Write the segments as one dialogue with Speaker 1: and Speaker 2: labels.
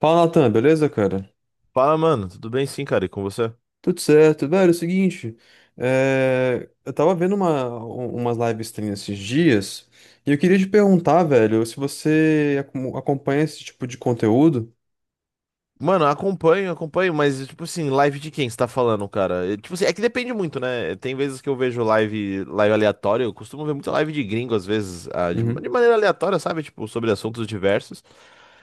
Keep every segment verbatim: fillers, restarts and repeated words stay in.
Speaker 1: Fala, Natan, beleza, cara?
Speaker 2: Fala, mano. Tudo bem sim, cara? E com você?
Speaker 1: Tudo certo. Velho, é o seguinte, é, eu tava vendo uma, um- umas live stream esses dias e eu queria te perguntar, velho, se você acom- acompanha esse tipo de conteúdo.
Speaker 2: Mano, acompanho, acompanho, mas, tipo assim, live de quem você tá falando, cara? É, tipo assim, é que depende muito, né? Tem vezes que eu vejo live, live aleatória, eu costumo ver muita live de gringo, às vezes, ah, de,
Speaker 1: Uhum.
Speaker 2: de maneira aleatória, sabe? Tipo, sobre assuntos diversos.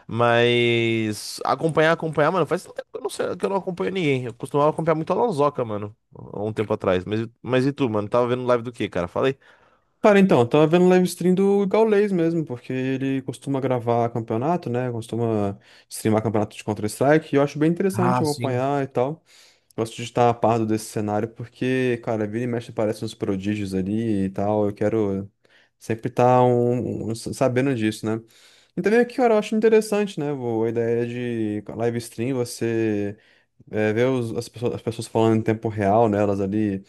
Speaker 2: Mas acompanhar, acompanhar, mano, faz tempo que eu não sei, que eu não acompanho ninguém. Eu costumava acompanhar muito a Lonzoca, mano, há um tempo atrás. Mas, mas e tu, mano? Tava vendo live do quê, cara? Falei.
Speaker 1: Cara, então, eu tava vendo live stream do Gaules mesmo, porque ele costuma gravar campeonato, né? Costuma streamar campeonato de Counter-Strike e eu acho bem interessante
Speaker 2: Ah, sim.
Speaker 1: acompanhar e tal. Gosto de estar a par desse cenário porque, cara, vira e mexe aparecem uns prodígios ali e tal. Eu quero sempre estar um, um- um, sabendo disso, né? E também aqui, cara, eu acho interessante, né? vô, A ideia de live stream, você é, ver os- as pessoas, as pessoas falando em tempo real, né? Elas ali,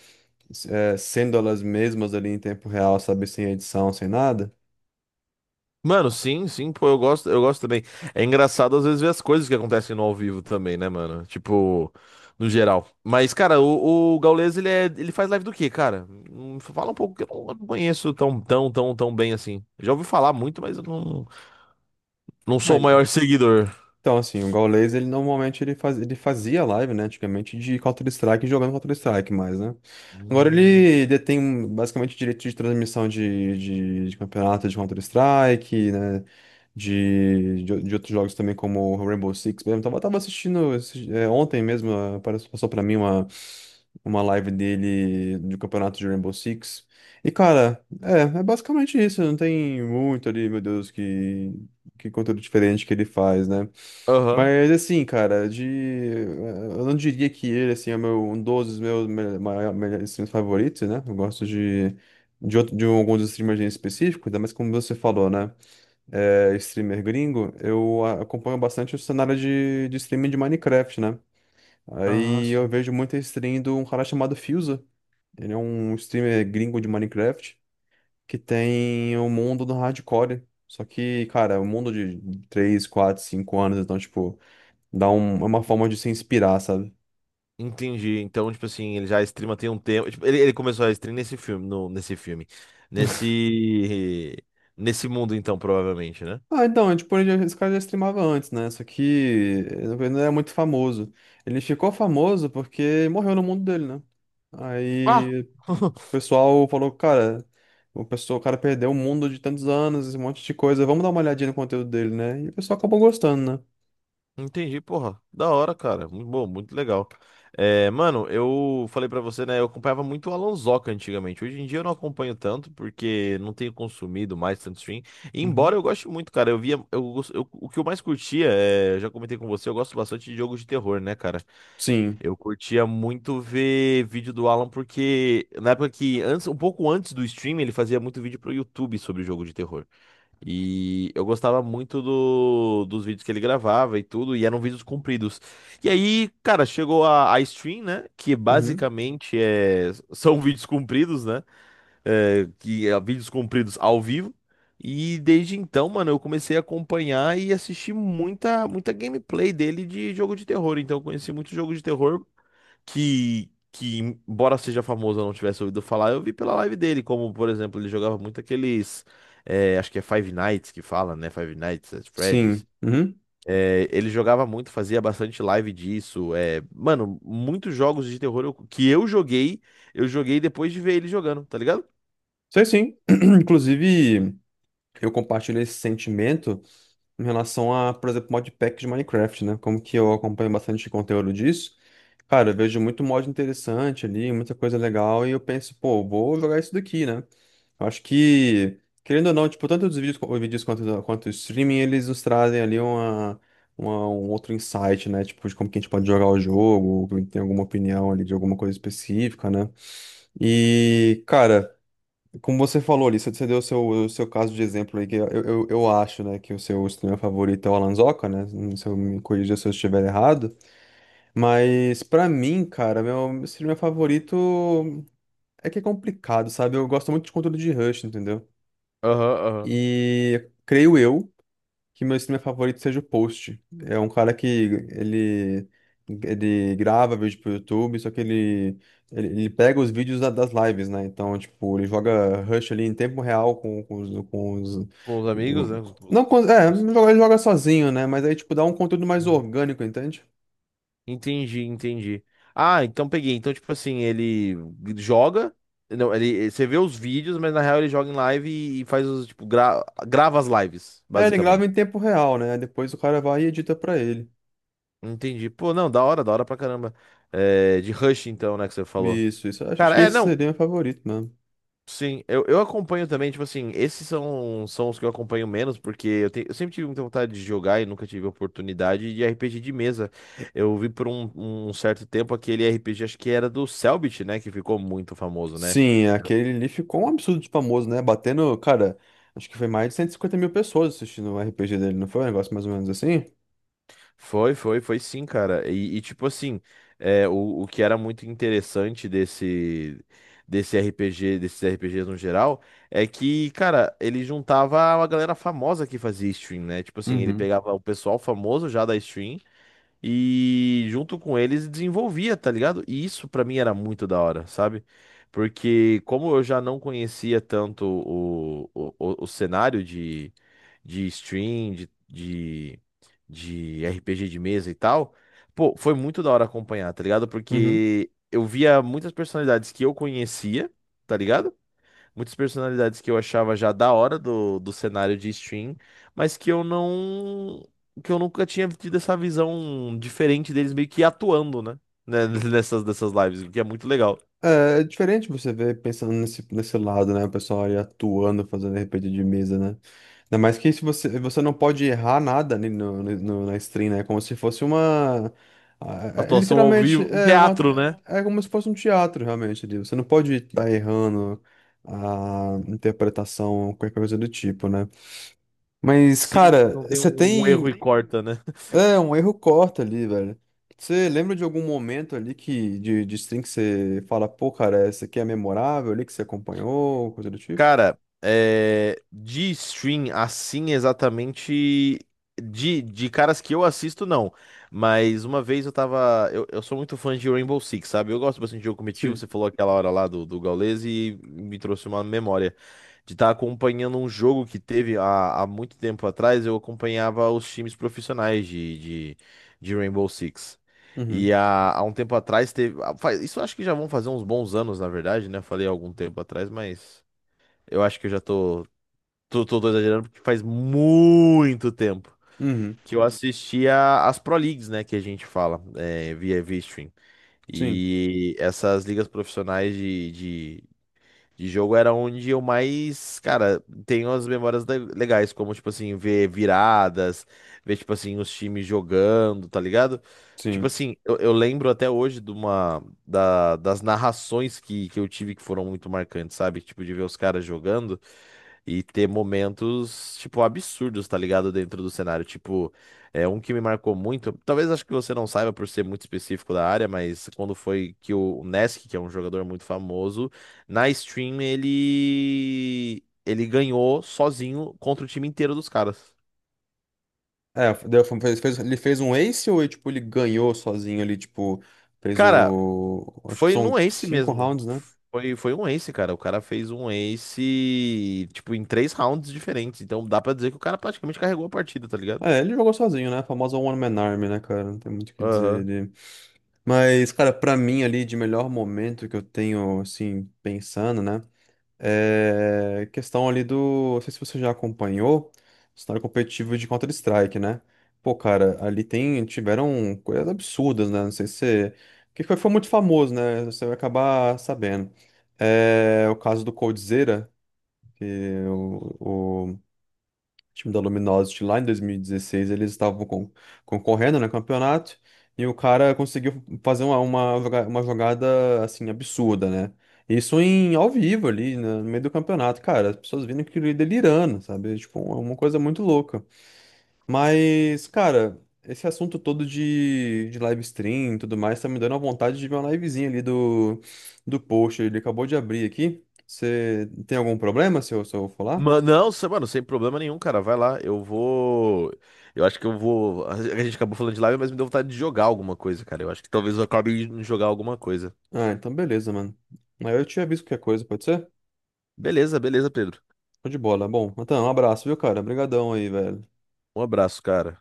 Speaker 1: é, sendo elas mesmas ali em tempo real, sabe? Sem edição, sem nada.
Speaker 2: Mano, sim, sim, pô, eu gosto, eu gosto também. É engraçado às vezes ver as coisas que acontecem no ao vivo também, né, mano? Tipo, no geral. Mas, cara, o, o Gaules, ele é, ele faz live do quê, cara? Hum, Fala um pouco que eu não eu não conheço tão, tão, tão, tão bem assim. Já ouvi falar muito, mas eu não, não sou o
Speaker 1: Ah,
Speaker 2: maior seguidor.
Speaker 1: então, assim, o Gaules, ele normalmente ele, faz, ele fazia live, né, antigamente, de Counter-Strike, jogando Counter-Strike mais, né? Agora
Speaker 2: Hum,
Speaker 1: ele detém basicamente direito de transmissão de, de, de campeonato de Counter-Strike, né, de, de, de outros jogos também, como o Rainbow Six mesmo. Tava, tava assistindo esse- é, ontem mesmo, eh, apareceu- passou pra mim uma, uma live dele do campeonato de Rainbow Six. E, cara, é, é basicamente isso, não tem muito ali, meu Deus, que, que conteúdo diferente que ele faz, né?
Speaker 2: Aham.
Speaker 1: Mas assim, cara, de. Eu não diria que ele assim, é o meu, um dos meus me- mai- melhores streamers favoritos, né? Eu gosto de, de, outro, de alguns streamers em específico, ainda mais como você falou, né? É, streamer gringo, eu a- acompanho bastante o cenário de, de streaming de Minecraft, né?
Speaker 2: Ah,
Speaker 1: Aí eu
Speaker 2: sim.
Speaker 1: vejo muita stream de um cara chamado Fusa. Ele é um streamer gringo de Minecraft que tem o mundo do hardcore. Só que, cara, o mundo de três quatro cinco anos, então, tipo. Dá um- é uma forma de se inspirar, sabe?
Speaker 2: Entendi. Então, tipo assim, ele já streama tem um tempo. Tipo, ele, ele começou a stream nesse filme, no, nesse filme. Nesse. Nesse mundo, então, provavelmente, né?
Speaker 1: Ah, então, é tipo, ele já- esse cara já streamava antes, né? Só que ele não era muito famoso. Ele ficou famoso porque morreu no mundo dele, né?
Speaker 2: Ah!
Speaker 1: Aí o pessoal falou, cara, o pessoal, o cara perdeu o mundo de tantos anos, esse monte de coisa, vamos dar uma olhadinha no conteúdo dele, né? E o pessoal acabou gostando,
Speaker 2: Entendi, porra. Da hora, cara. Muito bom, muito legal. É, mano, eu falei pra você, né? Eu acompanhava muito o Alonsoca antigamente. Hoje em dia eu não acompanho tanto, porque não tenho consumido mais tanto stream. E
Speaker 1: né?
Speaker 2: embora
Speaker 1: Uhum.
Speaker 2: eu goste muito, cara. Eu via. Eu, gos- eu- o que eu mais curtia, é, eu já comentei com você, eu gosto bastante de jogos de terror, né, cara?
Speaker 1: Sim.
Speaker 2: Eu curtia muito ver vídeo do Alan, porque na época que. Antes, um pouco antes do stream, ele fazia muito vídeo pro YouTube sobre jogo de terror. E eu gostava muito do- dos vídeos que ele gravava e tudo, e eram vídeos compridos. E aí, cara, chegou a, a stream, né? Que
Speaker 1: Uhum.
Speaker 2: basicamente é, são vídeos compridos, né? É, que é, vídeos compridos ao vivo. E desde então, mano, eu comecei a acompanhar e assistir muita, muita gameplay dele de jogo de terror. Então, eu conheci muito jogo de terror que, que, embora seja famoso, eu não tivesse ouvido falar, eu vi pela live dele, como, por exemplo, ele jogava muito aqueles, é, acho que é Five Nights que fala, né? Five Nights at Freddy's.
Speaker 1: Sim. Uhum.
Speaker 2: É, ele jogava muito, fazia bastante live disso. É, mano, muitos jogos de terror eu- que eu joguei, eu joguei depois de ver ele jogando, tá ligado?
Speaker 1: Sei sim. Inclusive, eu compartilho esse sentimento em relação a, por exemplo, modpack de Minecraft, né? Como que eu acompanho bastante conteúdo disso, cara, eu vejo muito mod interessante ali, muita coisa legal, e eu penso, pô, vou jogar isso daqui, né? Eu acho que, querendo ou não, tipo, tanto os vídeos, os vídeos quanto, quanto o streaming, eles nos trazem ali uma, uma- um outro insight, né? Tipo, de como que a gente pode jogar o jogo, ou tem alguma opinião ali de alguma coisa específica, né? E, cara, como você falou ali, você você deu o seu, o seu caso de exemplo aí, que eu, eu, eu acho, né, que o seu streamer favorito é o Alan Zoca, né? Se eu me corrija se eu estiver errado. Mas pra mim, cara, meu streamer favorito é que é complicado, sabe? Eu gosto muito de conteúdo de Rush, entendeu?
Speaker 2: Aham, aham.
Speaker 1: E creio eu que meu streamer favorito seja o Post. É um cara que ele, ele grava vídeo pro YouTube, só que ele, ele, ele pega os vídeos da- das lives, né? Então, tipo, ele joga Rush ali em tempo real com, com os, com os-
Speaker 2: Com os amigos, né? com
Speaker 1: Não,
Speaker 2: os-
Speaker 1: com, é, ele joga ele joga sozinho, né? Mas aí, tipo, dá um conteúdo mais orgânico, entende?
Speaker 2: Entendi, entendi. Ah, então peguei. Então, tipo assim, ele joga. Não, ele, você vê os vídeos, mas na real ele joga em live e, e faz os, tipo, gra- grava as lives,
Speaker 1: É, ele grava
Speaker 2: basicamente.
Speaker 1: em tempo real, né? Depois o cara vai e edita pra ele.
Speaker 2: Entendi. Pô, não, da hora, da hora pra caramba. É, de Rush, então, né, que você falou.
Speaker 1: Isso, isso. Acho acho
Speaker 2: Cara,
Speaker 1: que
Speaker 2: é,
Speaker 1: esse
Speaker 2: não,
Speaker 1: seria meu favorito, né?
Speaker 2: sim, eu, eu acompanho também, tipo assim, esses são, são os que eu acompanho menos, porque eu, te- eu sempre tive muita vontade de jogar e nunca tive oportunidade de R P G de mesa. Eu vi por um, um certo tempo aquele R P G, acho que era do Cellbit, né, que ficou muito famoso, né?
Speaker 1: Sim, aquele ali ficou um absurdo de famoso, né? Batendo, cara, acho que foi mais de cento e cinquenta mil pessoas assistindo o R P G dele, não foi um negócio mais ou menos assim?
Speaker 2: Foi, foi, foi sim, cara. E, e, tipo assim, é, o, o que era muito interessante desse, desse R P G, desses R P Gs no geral, é que, cara, ele juntava uma galera famosa que fazia stream, né? Tipo assim, ele
Speaker 1: Uhum,
Speaker 2: pegava o pessoal famoso já da stream. E junto com eles desenvolvia, tá ligado? E isso pra mim era muito da hora, sabe? Porque como eu já não conhecia tanto o, o, o, o cenário de, de stream, de, de, de R P G de mesa e tal, pô, foi muito da hora acompanhar, tá ligado?
Speaker 1: uhum.
Speaker 2: Porque eu via muitas personalidades que eu conhecia, tá ligado? Muitas personalidades que eu achava já da hora do, do cenário de stream, mas que eu não. Que eu nunca tinha tido essa visão diferente deles meio que atuando, né? Né, nessas, dessas lives, o que é muito legal.
Speaker 1: É, é diferente você ver pensando nesse, nesse lado, né? O pessoal ali atuando, fazendo R P G de mesa, né? Ainda mais que se você, você não pode errar nada ali no, no- no- na stream, né? É como se fosse uma. ah, É, é
Speaker 2: Atuação ao
Speaker 1: literalmente,
Speaker 2: vivo, um
Speaker 1: é uma.
Speaker 2: teatro, né?
Speaker 1: É como se fosse um teatro, realmente, ali. Você não pode estar errando a interpretação, qualquer coisa do tipo, né? Mas,
Speaker 2: Sim,
Speaker 1: cara,
Speaker 2: não tem
Speaker 1: você
Speaker 2: um um
Speaker 1: tem.
Speaker 2: erro e corta, né?
Speaker 1: É, um erro corta ali, velho. Você lembra de algum momento ali que de, de stream que você fala, pô, cara, essa aqui é memorável ali que você acompanhou, coisa do tipo?
Speaker 2: Cara, é, de stream assim exatamente de, de caras que eu assisto, não. Mas uma vez eu tava. Eu, eu sou muito fã de Rainbow Six, sabe? Eu gosto bastante de jogo competitivo. Você
Speaker 1: Sim.
Speaker 2: falou aquela hora lá do, do Gaules e me trouxe uma memória de estar acompanhando um jogo que teve há, há muito tempo atrás. Eu acompanhava os times profissionais de, de, de Rainbow Six. E
Speaker 1: Uhum.
Speaker 2: há, há um tempo atrás teve. ah, faz- Isso acho que já vão fazer uns bons anos, na verdade, né? Falei há algum tempo atrás, mas. Eu acho que eu já tô, tô, tô, tô exagerando porque faz muito tempo
Speaker 1: Uhum.
Speaker 2: que eu assistia as Pro Leagues, né, que a gente fala, é, via via stream.
Speaker 1: Sim,
Speaker 2: E essas ligas profissionais de, de jogo era onde eu mais, cara, tenho as memórias le- legais, como, tipo assim, ver viradas, ver, tipo assim, os times jogando, tá ligado? Tipo
Speaker 1: sim.
Speaker 2: assim, eu, eu lembro até hoje de uma, da- das narrações que, que eu tive que foram muito marcantes, sabe? Tipo, de ver os caras jogando e ter momentos, tipo, absurdos, tá ligado? Dentro do cenário. Tipo, é um que me marcou muito. Talvez acho que você não saiba por ser muito específico da área, mas quando foi que o Nesk, que é um jogador muito famoso, na stream ele ele ganhou sozinho contra o time inteiro dos caras.
Speaker 1: É, deu- fez, fez- ele fez um ace ou ele, tipo, ele ganhou sozinho ali, tipo, fez
Speaker 2: Cara,
Speaker 1: o. Acho que
Speaker 2: foi num
Speaker 1: são
Speaker 2: ace
Speaker 1: cinco
Speaker 2: mesmo.
Speaker 1: rounds, né?
Speaker 2: Foi, foi um ace, cara. O cara fez um ace, tipo, em três rounds diferentes. Então dá pra dizer que o cara praticamente carregou a partida, tá ligado?
Speaker 1: É, ele jogou sozinho, né? A famosa One Man Army, né, cara? Não tem muito o que
Speaker 2: Aham.
Speaker 1: dizer. Mas, cara, pra mim ali de melhor momento que eu tenho, assim, pensando, né? É questão ali do. Não sei se você já acompanhou o cenário competitivo de Counter-Strike, né? Pô, cara, ali tem, tiveram coisas absurdas, né? Não sei se. Que foi, foi muito famoso, né? Você vai acabar sabendo. É o caso do Coldzera, que o, time da Luminosity lá em dois mil e dezesseis eles estavam con- concorrendo no campeonato e o cara conseguiu fazer uma, uma, joga- uma jogada assim absurda, né? Isso em ao vivo ali, né, no meio do campeonato, cara, as pessoas vindo que delirando, sabe? Tipo, é uma coisa muito louca. Mas, cara, esse assunto todo de, de live stream e tudo mais tá me dando a vontade de ver uma livezinha ali do, do post. Ele acabou de abrir aqui. Você tem algum problema se eu, se eu falar?
Speaker 2: Mano, não, se- mano, sem problema nenhum, cara. Vai lá, eu vou. Eu acho que eu vou. A gente acabou falando de live, mas me deu vontade de jogar alguma coisa, cara. Eu acho que talvez eu acabe de jogar alguma coisa.
Speaker 1: Ah, então beleza, mano. Aí eu te aviso qualquer coisa, pode ser?
Speaker 2: Beleza, beleza, Pedro.
Speaker 1: Tô de bola. Bom, então um abraço, viu, cara? Obrigadão aí, velho.
Speaker 2: Um abraço, cara.